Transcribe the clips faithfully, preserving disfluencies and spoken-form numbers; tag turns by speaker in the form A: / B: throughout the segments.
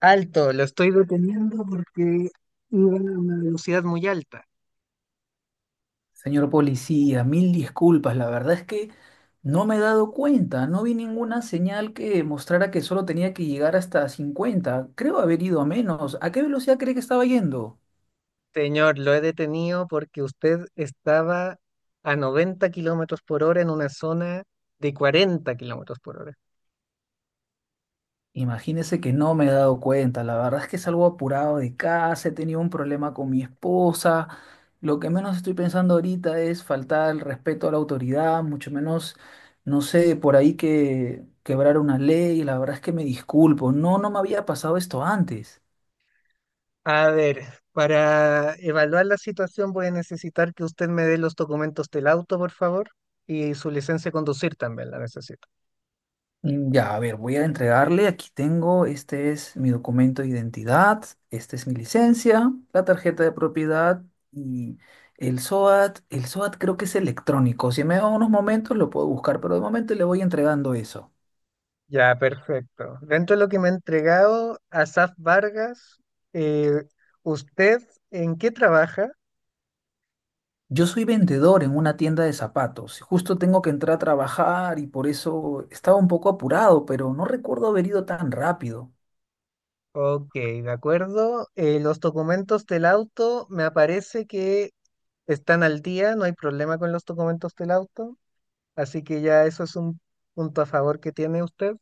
A: Alto, lo estoy deteniendo porque iba a una velocidad muy alta.
B: Señor policía, mil disculpas. La verdad es que no me he dado cuenta. No vi ninguna señal que mostrara que solo tenía que llegar hasta cincuenta. Creo haber ido a menos. ¿A qué velocidad cree que estaba yendo?
A: Señor, lo he detenido porque usted estaba a noventa kilómetros por hora en una zona de cuarenta kilómetros por hora.
B: Imagínese que no me he dado cuenta. La verdad es que salgo apurado de casa. He tenido un problema con mi esposa. Lo que menos estoy pensando ahorita es faltar el respeto a la autoridad, mucho menos, no sé, por ahí que quebrar una ley. La verdad es que me disculpo. No, no me había pasado esto antes.
A: A ver, para evaluar la situación voy a necesitar que usted me dé los documentos del auto, por favor, y su licencia de conducir también la necesito.
B: Mm, ya, a ver, voy a entregarle. Aquí tengo, este es mi documento de identidad, esta es mi licencia, la tarjeta de propiedad y el SOAT. El SOAT creo que es electrónico. Si me da unos momentos lo puedo buscar, pero de momento le voy entregando eso.
A: Ya, perfecto. Dentro de lo que me ha entregado, Asaf Vargas, eh, ¿usted en qué trabaja?
B: Yo soy vendedor en una tienda de zapatos. Justo tengo que entrar a trabajar y por eso estaba un poco apurado, pero no recuerdo haber ido tan rápido.
A: Ok, de acuerdo. Eh, los documentos del auto, me aparece que están al día, no hay problema con los documentos del auto, así que ya eso es un punto a favor que tiene usted.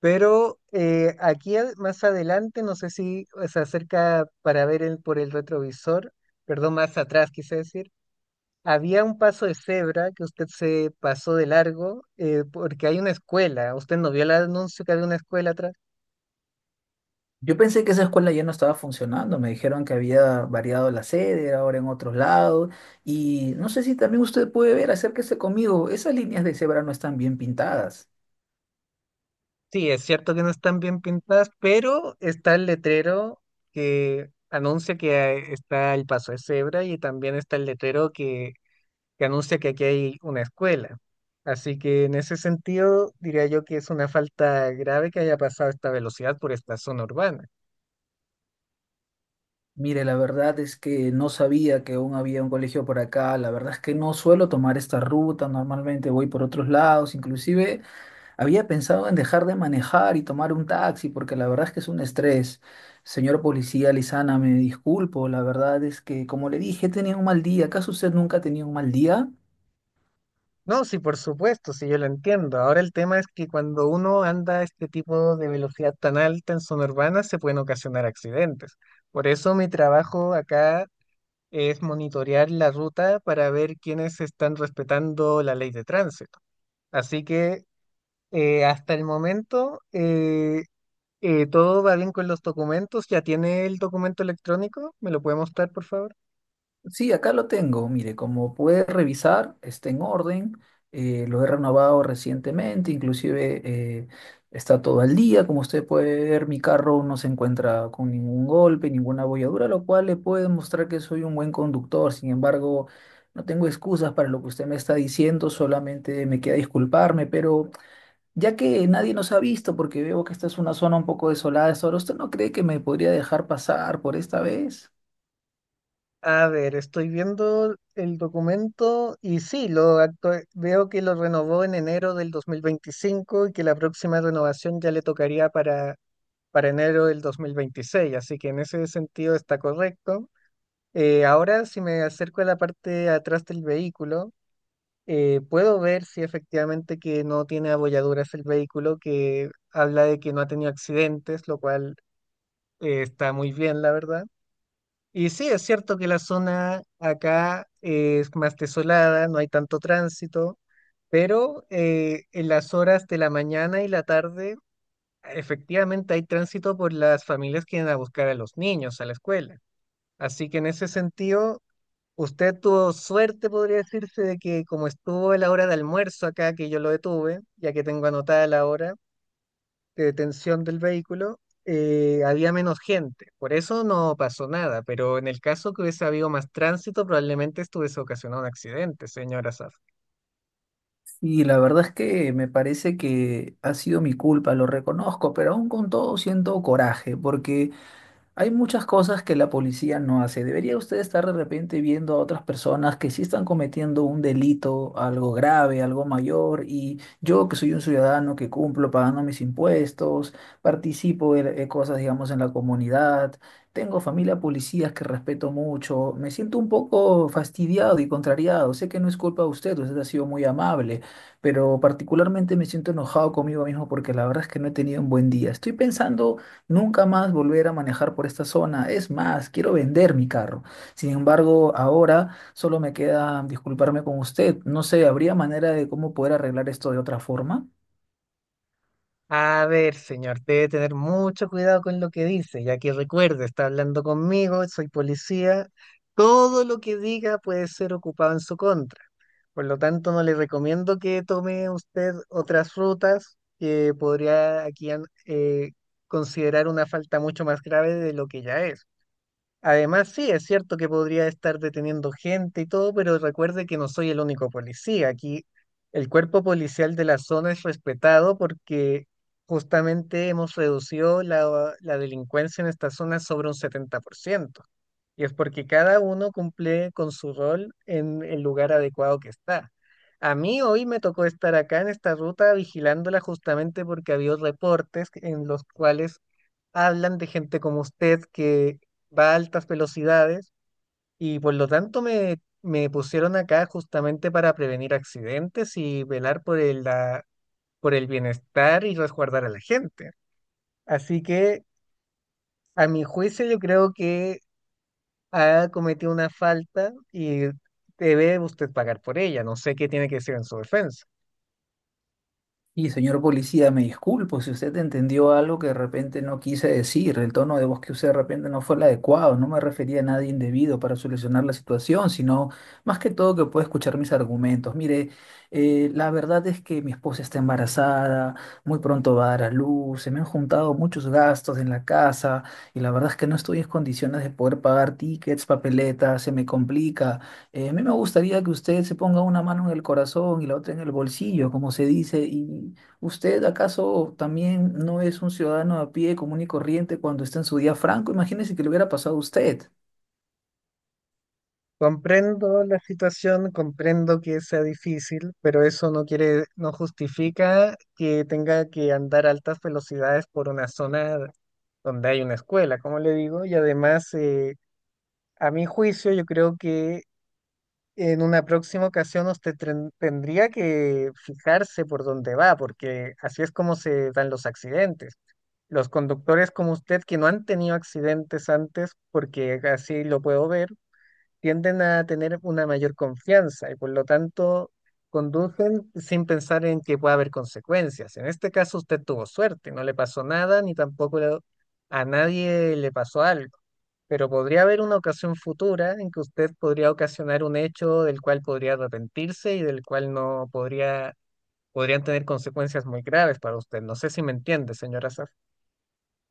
A: Pero eh, aquí ad- más adelante, no sé si se acerca para ver el- por el retrovisor, perdón, más atrás quise decir, había un paso de cebra que usted se pasó de largo eh, porque hay una escuela. ¿Usted no vio el anuncio que había una escuela atrás?
B: Yo pensé que esa escuela ya no estaba funcionando, me dijeron que había variado la sede, era ahora en otros lados, y no sé si también usted puede ver, acérquese conmigo, esas líneas de cebra no están bien pintadas.
A: Sí, es cierto que no están bien pintadas, pero está el letrero que anuncia que hay- está el paso de cebra y también está el letrero que, que anuncia que aquí hay una escuela. Así que en ese sentido diría yo que es una falta grave que haya pasado esta velocidad por esta zona urbana.
B: Mire, la verdad es que no sabía que aún había un colegio por acá, la verdad es que no suelo tomar esta ruta, normalmente voy por otros lados, inclusive había pensado en dejar de manejar y tomar un taxi porque la verdad es que es un estrés. Señor policía Lizana, me disculpo, la verdad es que, como le dije, tenía un mal día. ¿Acaso usted nunca ha tenido un mal día?
A: No, sí, por supuesto, sí, yo lo entiendo. Ahora el tema es que cuando uno anda a este tipo de velocidad tan alta en zona urbana se pueden ocasionar accidentes. Por eso mi trabajo acá es monitorear la ruta para ver quiénes están respetando la ley de tránsito. Así que eh, hasta el momento eh, eh, todo va bien con los documentos. ¿Ya tiene el documento electrónico? ¿Me lo puede mostrar, por favor?
B: Sí, acá lo tengo. Mire, como puede revisar, está en orden. Eh, lo he renovado recientemente, inclusive eh, está todo al día. Como usted puede ver, mi carro no se encuentra con ningún golpe, ninguna abolladura, lo cual le puede mostrar que soy un buen conductor. Sin embargo, no tengo excusas para lo que usted me está diciendo, solamente me queda disculparme, pero ya que nadie nos ha visto, porque veo que esta es una zona un poco desolada, ahora ¿usted no cree que me podría dejar pasar por esta vez?
A: A ver, estoy viendo el documento y sí, lo actu- veo que lo renovó en enero del dos mil veinticinco y que la próxima renovación ya le tocaría para, para enero del dos mil veintiséis. Así que en ese sentido está correcto. Eh, ahora, si me acerco a la parte de atrás del vehículo, eh, puedo ver si efectivamente que no tiene abolladuras el vehículo, que habla de que no ha tenido accidentes, lo cual eh, está muy bien, la verdad. Y sí, es cierto que la zona acá eh, es más desolada, no hay tanto tránsito, pero eh, en las horas de la mañana y la tarde, efectivamente hay tránsito por las familias que van a buscar a los niños a la escuela. Así que en ese sentido usted tuvo suerte, podría decirse, de que como estuvo a la hora de almuerzo acá, que yo lo detuve, ya que tengo anotada la hora de detención del vehículo, eh, había menos gente. Por eso no pasó nada, pero en el caso que hubiese habido más tránsito, probablemente esto hubiese ocasionado un accidente, señora Saf.
B: Y la verdad es que me parece que ha sido mi culpa, lo reconozco, pero aún con todo siento coraje, porque hay muchas cosas que la policía no hace. ¿Debería usted estar de repente viendo a otras personas que sí están cometiendo un delito, algo grave, algo mayor, y yo que soy un ciudadano que cumplo pagando mis impuestos, participo de, de cosas, digamos, en la comunidad, tengo familia policías que respeto mucho, me siento un poco fastidiado y contrariado? Sé que no es culpa de usted, usted ha sido muy amable, pero particularmente me siento enojado conmigo mismo porque la verdad es que no he tenido un buen día. Estoy pensando nunca más volver a manejar por esta zona. Es más, quiero vender mi carro. Sin embargo, ahora solo me queda disculparme con usted. No sé, ¿habría manera de cómo poder arreglar esto de otra forma?
A: A ver, señor, debe tener mucho cuidado con lo que dice, ya que recuerde, está hablando conmigo, soy policía. Todo lo que diga puede ser ocupado en su contra. Por lo tanto, no le recomiendo que tome usted otras rutas que podría aquí an- eh, considerar una falta mucho más grave de lo que ya es. Además, sí, es cierto que podría estar deteniendo gente y todo, pero recuerde que no soy el único policía. Aquí el cuerpo policial de la zona es respetado porque justamente hemos reducido la, la delincuencia en esta zona sobre un setenta por ciento. Y es porque cada uno cumple con su rol en el lugar adecuado que está. A mí hoy me tocó estar acá en esta ruta vigilándola justamente porque había reportes en los cuales hablan de gente como usted que va a altas velocidades y por lo tanto me, me pusieron acá justamente para prevenir accidentes y velar por el, la- por el bienestar y resguardar a la gente. Así que a mi juicio yo creo que ha cometido una falta y debe usted pagar por ella. No sé qué tiene que decir en su defensa.
B: Y señor policía, me disculpo si usted entendió algo que de repente no quise decir. El tono de voz que usé de repente no fue el adecuado. No me refería a nada indebido para solucionar la situación, sino más que todo que pueda escuchar mis argumentos. Mire, eh, la verdad es que mi esposa está embarazada, muy pronto va a dar a luz, se me han juntado muchos gastos en la casa y la verdad es que no estoy en condiciones de poder pagar tickets, papeletas, se me complica. Eh, a mí me gustaría que usted se ponga una mano en el corazón y la otra en el bolsillo, como se dice. ¿Y usted acaso también no es un ciudadano a pie común y corriente cuando está en su día franco? Imagínese que le hubiera pasado a usted.
A: Comprendo la situación, comprendo que sea difícil, pero eso no quiere, no justifica que tenga que andar a altas velocidades por una zona donde hay una escuela, como le digo, y además, eh, a mi juicio, yo creo que en una próxima ocasión usted tren- tendría que fijarse por dónde va, porque así es como se dan los accidentes. Los conductores como usted que no han tenido accidentes antes, porque así lo puedo ver, tienden a tener una mayor confianza y por lo tanto conducen sin pensar en que pueda haber consecuencias. En este caso usted tuvo suerte, no le pasó nada ni tampoco le- a nadie le pasó algo, pero podría haber una ocasión futura en que usted podría ocasionar un hecho del cual podría arrepentirse y del cual no podría, podrían tener consecuencias muy graves para usted. No sé si me entiende, señora Saf.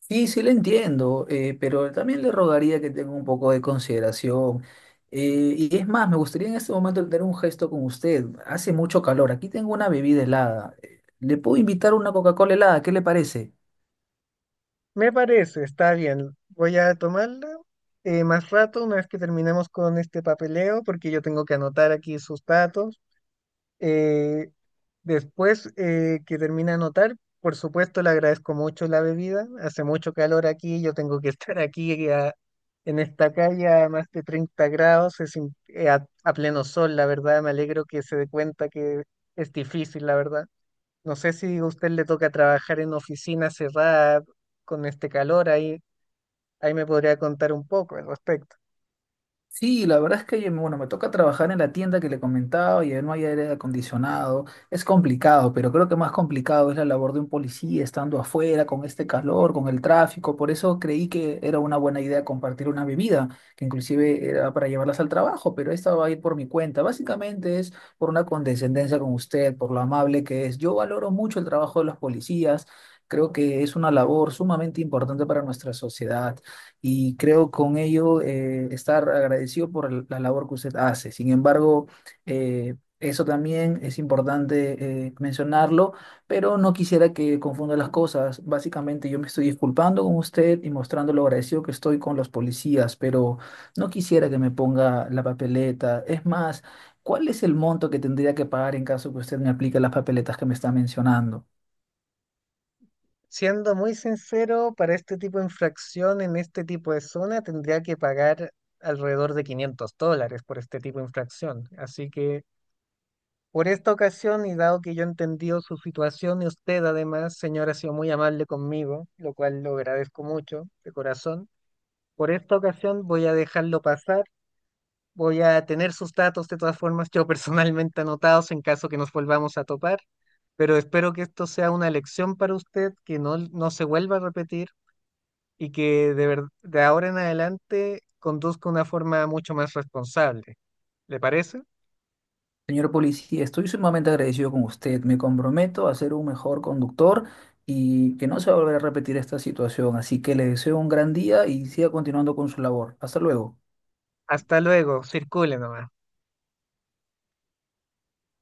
B: Sí, sí le entiendo, eh, pero también le rogaría que tenga un poco de consideración. Eh, y es más, me gustaría en este momento tener un gesto con usted. Hace mucho calor. Aquí tengo una bebida helada. Eh, ¿Le puedo invitar una Coca-Cola helada? ¿Qué le parece?
A: Me parece, está bien. Voy a tomarla eh, más rato, una vez que terminemos con este papeleo, porque yo tengo que anotar aquí sus datos. Eh, Después eh, que termine de anotar, por supuesto, le agradezco mucho la bebida. Hace mucho calor aquí, yo tengo que estar aquí eh, a- en esta calle a más de treinta grados, es im- eh, a, a pleno sol, la verdad. Me alegro que se dé cuenta que es difícil, la verdad. No sé si a usted le toca trabajar en oficina cerrada con este calor, ahí, ahí me podría contar un poco al respecto.
B: Sí, la verdad es que, oye, bueno, me toca trabajar en la tienda que le comentaba y ahí no hay aire acondicionado. Es complicado, pero creo que más complicado es la labor de un policía estando afuera con este calor, con el tráfico. Por eso creí que era una buena idea compartir una bebida, que inclusive era para llevarlas al trabajo, pero esta va a ir por mi cuenta. Básicamente es por una condescendencia con usted, por lo amable que es. Yo valoro mucho el trabajo de los policías. Creo que es una labor sumamente importante para nuestra sociedad y creo con ello eh, estar agradecido por el- la labor que usted hace. Sin embargo, eh, eso también es importante eh, mencionarlo, pero no quisiera que confunda las cosas. Básicamente yo me estoy disculpando con usted y mostrando lo agradecido que estoy con los policías, pero no quisiera que me ponga la papeleta. Es más, ¿cuál es el monto que tendría que pagar en caso que usted me aplique las papeletas que me está mencionando?
A: Siendo muy sincero, para este tipo de infracción en este tipo de zona tendría que pagar alrededor de quinientos dólares por este tipo de infracción. Así que por esta ocasión y dado que yo he entendido su situación y usted además, señora, ha sido muy amable conmigo, lo cual lo agradezco mucho de corazón, por esta ocasión voy a dejarlo pasar. Voy a tener sus datos de todas formas, yo personalmente anotados en caso que nos volvamos a topar, pero espero que esto sea una lección para usted, que no, no se vuelva a repetir y que de, ver- de ahora en adelante conduzca una forma mucho más responsable. ¿Le parece?
B: Señor policía, estoy sumamente agradecido con usted. Me comprometo a ser un mejor conductor y que no se va a volver a repetir esta situación. Así que le deseo un gran día y siga continuando con su labor. Hasta luego.
A: Hasta luego, circule nomás.